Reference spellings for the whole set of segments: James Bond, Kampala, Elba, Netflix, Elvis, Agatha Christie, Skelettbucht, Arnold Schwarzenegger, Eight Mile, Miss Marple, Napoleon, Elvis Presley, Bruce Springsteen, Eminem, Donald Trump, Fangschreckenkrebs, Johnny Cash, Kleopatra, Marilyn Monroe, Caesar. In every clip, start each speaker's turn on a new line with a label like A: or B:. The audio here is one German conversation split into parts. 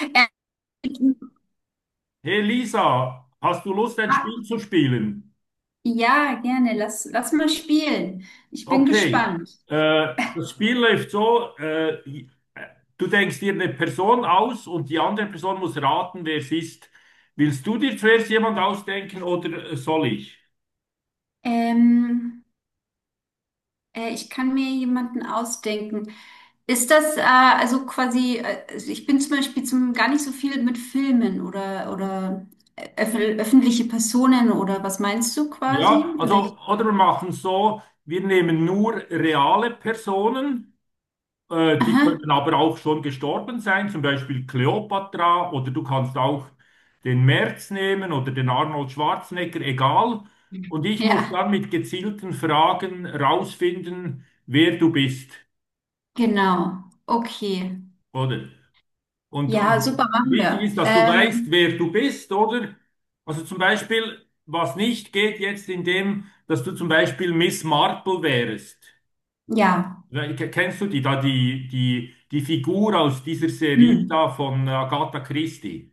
A: Äh,
B: Hey Lisa, hast du Lust, ein Spiel zu spielen?
A: Ja, gerne. Lass mal spielen. Ich bin
B: Okay,
A: gespannt.
B: äh, das Spiel läuft so, äh, du denkst dir eine Person aus und die andere Person muss raten, wer es ist. Willst du dir zuerst jemand ausdenken oder soll ich?
A: Ähm, Ich kann mir jemanden ausdenken. Ist das also quasi, also ich bin zum Beispiel gar nicht so viel mit Filmen oder öffentliche Personen oder was meinst du quasi?
B: Ja, also, oder wir machen es so, wir nehmen nur reale Personen. Die
A: Aha.
B: können aber auch schon gestorben sein, zum Beispiel Kleopatra, oder du kannst auch den Merz nehmen oder den Arnold Schwarzenegger, egal. Und ich muss
A: Ja,
B: dann mit gezielten Fragen rausfinden, wer du bist,
A: genau. Okay.
B: oder? Und,
A: Ja, super, machen
B: wichtig
A: wir.
B: ist, dass du weißt, wer du bist, oder? Also zum Beispiel, was nicht geht jetzt in dem, dass du zum Beispiel Miss Marple wärst.
A: Ja.
B: Ne, kennst du die da, die Figur aus dieser Serie
A: Hm.
B: da von Agatha Christie?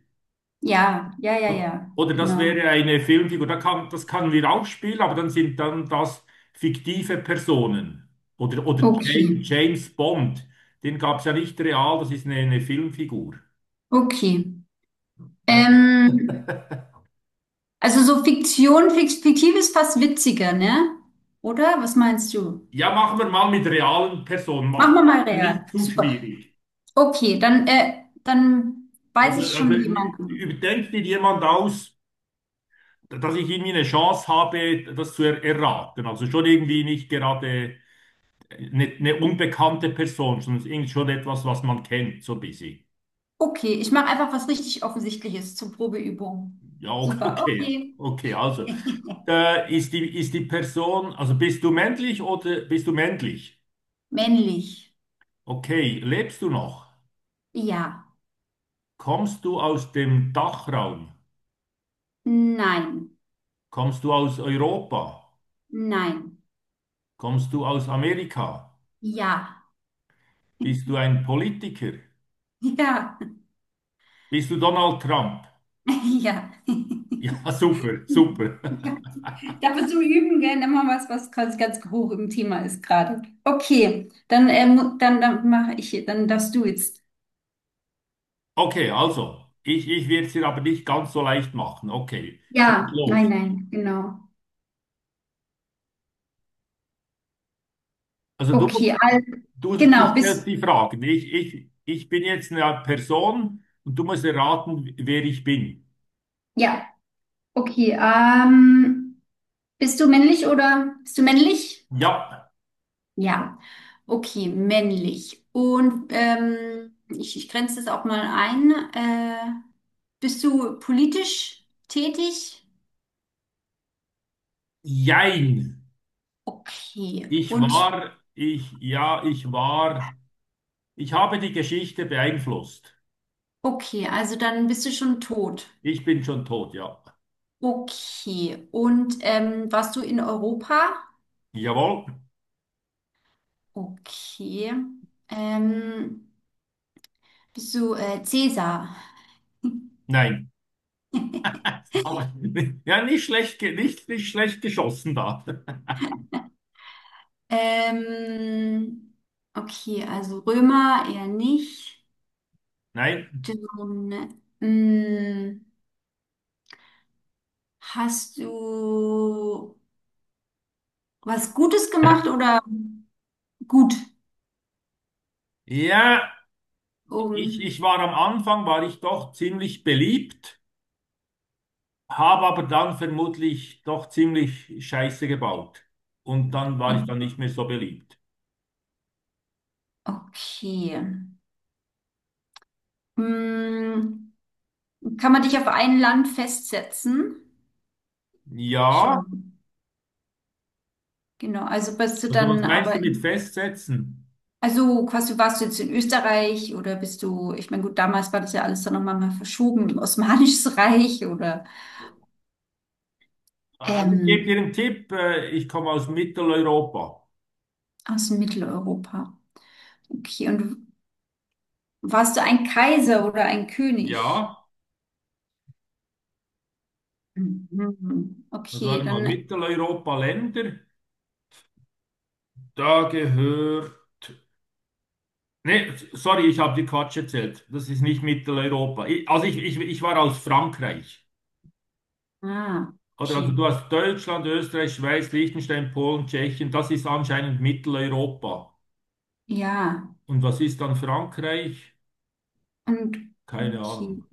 A: Ja, ja, ja, ja.
B: Oder das
A: Genau.
B: wäre eine Filmfigur, das können wir auch spielen, aber dann sind dann das fiktive Personen. Oder
A: Okay.
B: James Bond, den gab es ja nicht real, das ist eine Filmfigur.
A: Okay.
B: Ja,
A: Ähm, also so fiktiv ist fast witziger, ne? Oder? Was meinst du?
B: ja, machen wir mal mit realen Personen,
A: Machen wir mal real.
B: Nicht zu
A: Super.
B: schwierig.
A: Okay, dann weiß
B: Also,
A: ich schon jemanden.
B: überdenkt dir jemand aus, dass ich irgendwie eine Chance habe, das zu er erraten. Also schon irgendwie nicht gerade eine unbekannte Person, sondern irgendwie schon etwas, was man kennt, so ein bisschen.
A: Okay, ich mache einfach was richtig Offensichtliches zur Probeübung.
B: Ja,
A: Super,
B: okay.
A: okay.
B: Okay, also ist die Person, also bist du männlich oder bist du männlich?
A: Männlich.
B: Okay, lebst du noch?
A: Ja.
B: Kommst du aus dem Dachraum?
A: Nein.
B: Kommst du aus Europa?
A: Nein.
B: Kommst du aus Amerika?
A: Ja.
B: Bist du ein Politiker?
A: Ja.
B: Bist du Donald Trump?
A: Ja.
B: Ja, super, super.
A: Ja. Dafür zum Üben, gell? Nimm mal was, was quasi ganz hoch im Thema ist gerade. Okay, dann mache ich, dann darfst du jetzt.
B: Okay, also, ich werde es dir aber nicht ganz so leicht machen. Okay, schieß
A: Ja, nein,
B: los.
A: nein, genau.
B: Also du musst,
A: Okay, also,
B: du
A: genau,
B: stellst
A: bist,
B: die Fragen. Ich bin jetzt eine Person und du musst erraten, wer ich bin.
A: ja, okay, bist du männlich oder bist du männlich?
B: Ja,
A: Ja, okay, männlich. Und ich grenze das auch mal ein. Bist du politisch tätig?
B: jein.
A: Okay. Und
B: Ich war, ich habe die Geschichte beeinflusst.
A: okay, also dann bist du schon tot.
B: Ich bin schon tot, ja.
A: Okay. Und warst du in Europa?
B: Jawohl.
A: Okay. Ähm, bist du Cäsar?
B: Nein. Aber, ja, nicht schlecht, nicht, nicht schlecht geschossen da.
A: Ähm, okay, also Römer eher nicht.
B: Nein.
A: Dann, hast du was Gutes gemacht oder gut?
B: Ja. Ich,
A: Um,
B: ich war am Anfang, war ich doch ziemlich beliebt, habe aber dann vermutlich doch ziemlich Scheiße gebaut. Und dann war ich dann nicht mehr so beliebt.
A: okay. Mm, kann man dich auf ein Land festsetzen?
B: Ja,
A: Schon. Genau, also bist du
B: also was
A: dann
B: meinst du mit
A: in,
B: festsetzen?
A: also quasi warst du jetzt in Österreich oder bist du, ich meine, gut, damals war das ja alles dann nochmal mal verschoben, im Osmanisches Reich oder
B: Also ich gebe dir
A: ähm,
B: einen Tipp, ich komme aus Mitteleuropa.
A: aus Mitteleuropa. Okay, und warst du ein Kaiser oder ein
B: Ja,
A: König? Mhm.
B: also
A: Okay,
B: warte mal,
A: dann,
B: Mitteleuropa-Länder, da gehört... Nee, sorry, ich habe dir Quatsch erzählt. Das ist nicht Mitteleuropa. Ich, ich war aus Frankreich.
A: ah,
B: Oder also
A: okay,
B: du hast Deutschland, Österreich, Schweiz, Liechtenstein, Polen, Tschechien. Das ist anscheinend Mitteleuropa.
A: ja,
B: Und was ist dann Frankreich?
A: und,
B: Keine
A: okay.
B: Ahnung.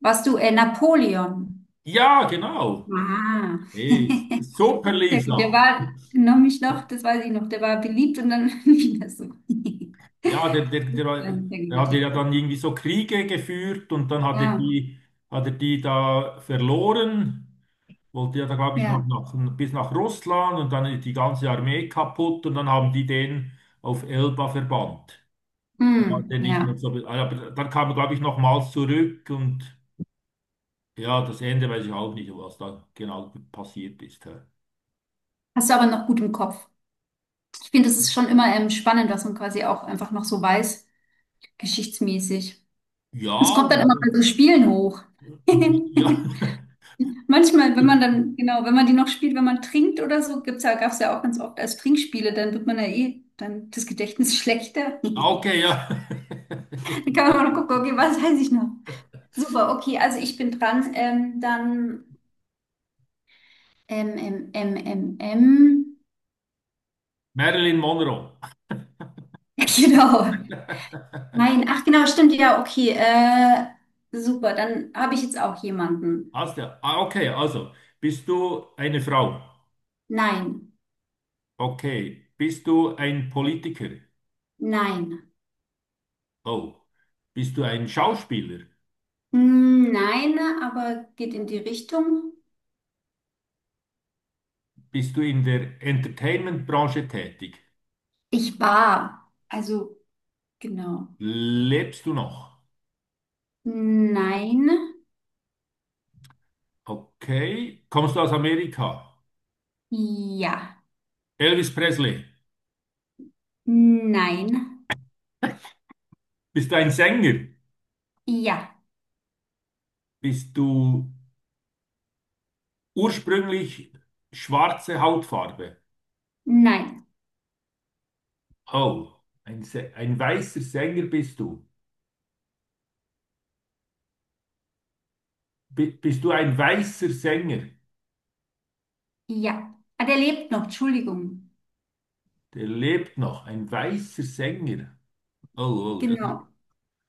A: Warst du Napoleon?
B: Ja, genau.
A: Ah.
B: Eh, super,
A: Sehr gut. Der
B: Lisa.
A: war noch, das weiß ich noch, der war beliebt und dann wieder so.
B: Ja,
A: Das war ein sehr
B: der
A: guter
B: hat ja
A: Tipp.
B: dann irgendwie so Kriege geführt und dann
A: Ja,
B: hat er die da verloren. Wollte ja da, glaube ich, noch
A: ja,
B: nach, bis nach Russland, und dann ist die ganze Armee kaputt und dann haben die den auf Elba verbannt. Ja,
A: hm,
B: den ich mir
A: ja.
B: so, ah, aber dann kam, glaube ich, nochmals zurück, und ja, das Ende weiß ich auch nicht, was da genau passiert ist, hä.
A: Hast du aber noch gut im Kopf. Ich finde, das ist schon immer spannend, was man quasi auch einfach noch so weiß, geschichtsmäßig. Es
B: Ja,
A: kommt
B: und,
A: dann immer bei so Spielen hoch.
B: und ich, ja,
A: Manchmal, wenn man dann, genau, wenn man die noch spielt, wenn man trinkt oder so, gab's ja auch ganz oft als Trinkspiele, dann wird man ja eh, dann das Gedächtnis schlechter.
B: okay, ja.
A: Dann kann man auch noch gucken, okay, was weiß ich noch? Super, okay, also ich bin dran. Dann M, M, M, M, M.
B: Marilyn Monroe.
A: Genau. Nein, ach genau, stimmt, ja, okay. Super, dann habe ich jetzt auch jemanden.
B: Hast du, ah, okay, also, bist du eine Frau?
A: Nein,
B: Okay. Bist du ein Politiker?
A: nein.
B: Oh. Bist du ein Schauspieler?
A: Hm, nein, aber geht in die Richtung.
B: Bist du in der Entertainment-Branche tätig?
A: Ich war. Also, genau.
B: Lebst du noch?
A: Nein,
B: Okay. Kommst du aus Amerika?
A: ja.
B: Elvis Presley.
A: Nein,
B: Bist du ein Sänger?
A: ja.
B: Bist du ursprünglich schwarze Hautfarbe?
A: Nein,
B: Oh, ein weißer Sänger bist du. Bist du ein weißer Sänger?
A: ja. Ah, der lebt noch, Entschuldigung.
B: Der lebt noch. Ein weißer Sänger. Oh, oh, das,
A: Genau.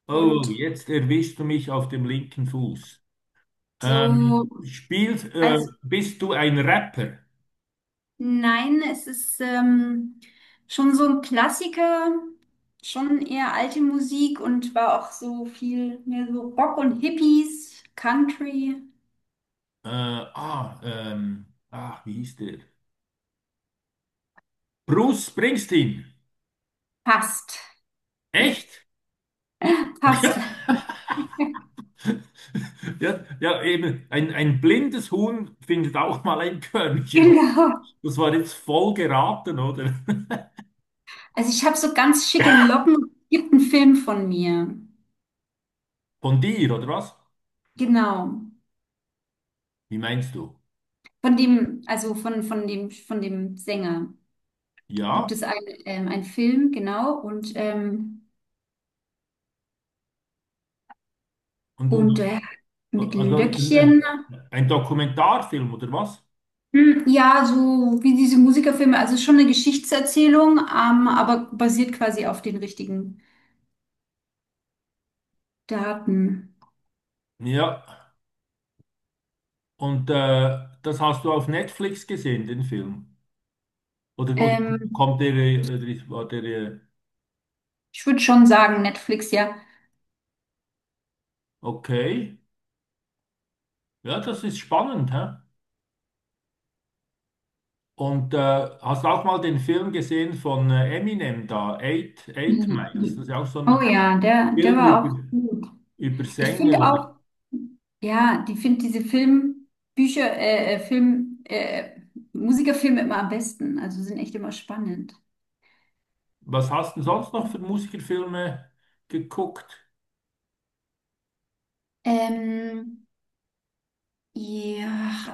B: oh, oh,
A: Und
B: jetzt erwischst du mich auf dem linken Fuß.
A: so.
B: Ähm, spielst, äh,
A: Also
B: bist du ein Rapper?
A: nein, es ist schon so ein Klassiker, schon eher alte Musik und war auch so viel mehr so Rock und Hippies, Country.
B: Ach, wie hieß der? Bruce Springsteen.
A: Passt.
B: Echt?
A: Passt.
B: Ja, ja, eben, ein blindes Huhn findet auch mal ein Körnchen.
A: Genau.
B: Das war jetzt voll geraten, oder?
A: Also ich habe so ganz schicke Locken. Gibt einen Film von mir.
B: Von dir, oder was?
A: Genau.
B: Wie meinst du?
A: Von dem, von dem, von dem Sänger gibt
B: Ja,
A: es einen, einen Film, genau.
B: und,
A: Und mit
B: also
A: Löckchen.
B: ein Dokumentarfilm, oder was?
A: Hm, ja, so wie diese Musikerfilme, also schon eine Geschichtserzählung, aber basiert quasi auf den richtigen Daten.
B: Ja, und das hast du auf Netflix gesehen, den Film? Oder
A: Ähm,
B: kommt der, oder war der,
A: ich würde schon sagen, Netflix, ja.
B: okay? Ja, das ist spannend, hä? Und hast du auch mal den Film gesehen von Eminem da, Eight Miles? Das ist ja auch so
A: Oh
B: ein
A: ja, der, der
B: Film
A: war auch
B: über,
A: gut.
B: über
A: Ich
B: Sänger,
A: finde
B: oder?
A: auch, ja, die finde diese Musikerfilme immer am besten. Also sind echt immer spannend.
B: Was hast du sonst noch für Musikerfilme geguckt?
A: Ähm, Ja,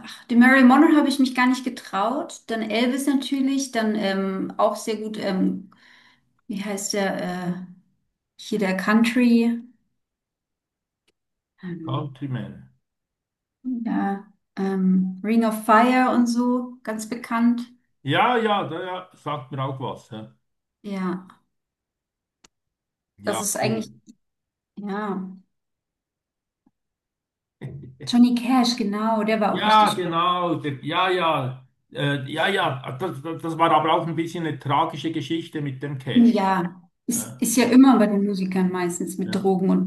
A: ach, die Marilyn Monroe habe ich mich gar nicht getraut. Dann Elvis natürlich, dann auch sehr gut, wie heißt der, äh, hier der Country, ähm,
B: Countryman.
A: ja, Ring of Fire und so, ganz bekannt.
B: Ja, ja, da ja, sagt mir auch was, hä?
A: Ja, das
B: Ja,
A: ist
B: cool.
A: eigentlich, ja, Johnny Cash, genau, der war auch
B: Ja,
A: richtig gut.
B: genau. Der, ja, ja. Ja, ja. Das, das war aber auch ein bisschen eine tragische Geschichte mit dem Cash.
A: Ja,
B: Ja,
A: ist ja immer bei den Musikern meistens mit
B: ja.
A: Drogen und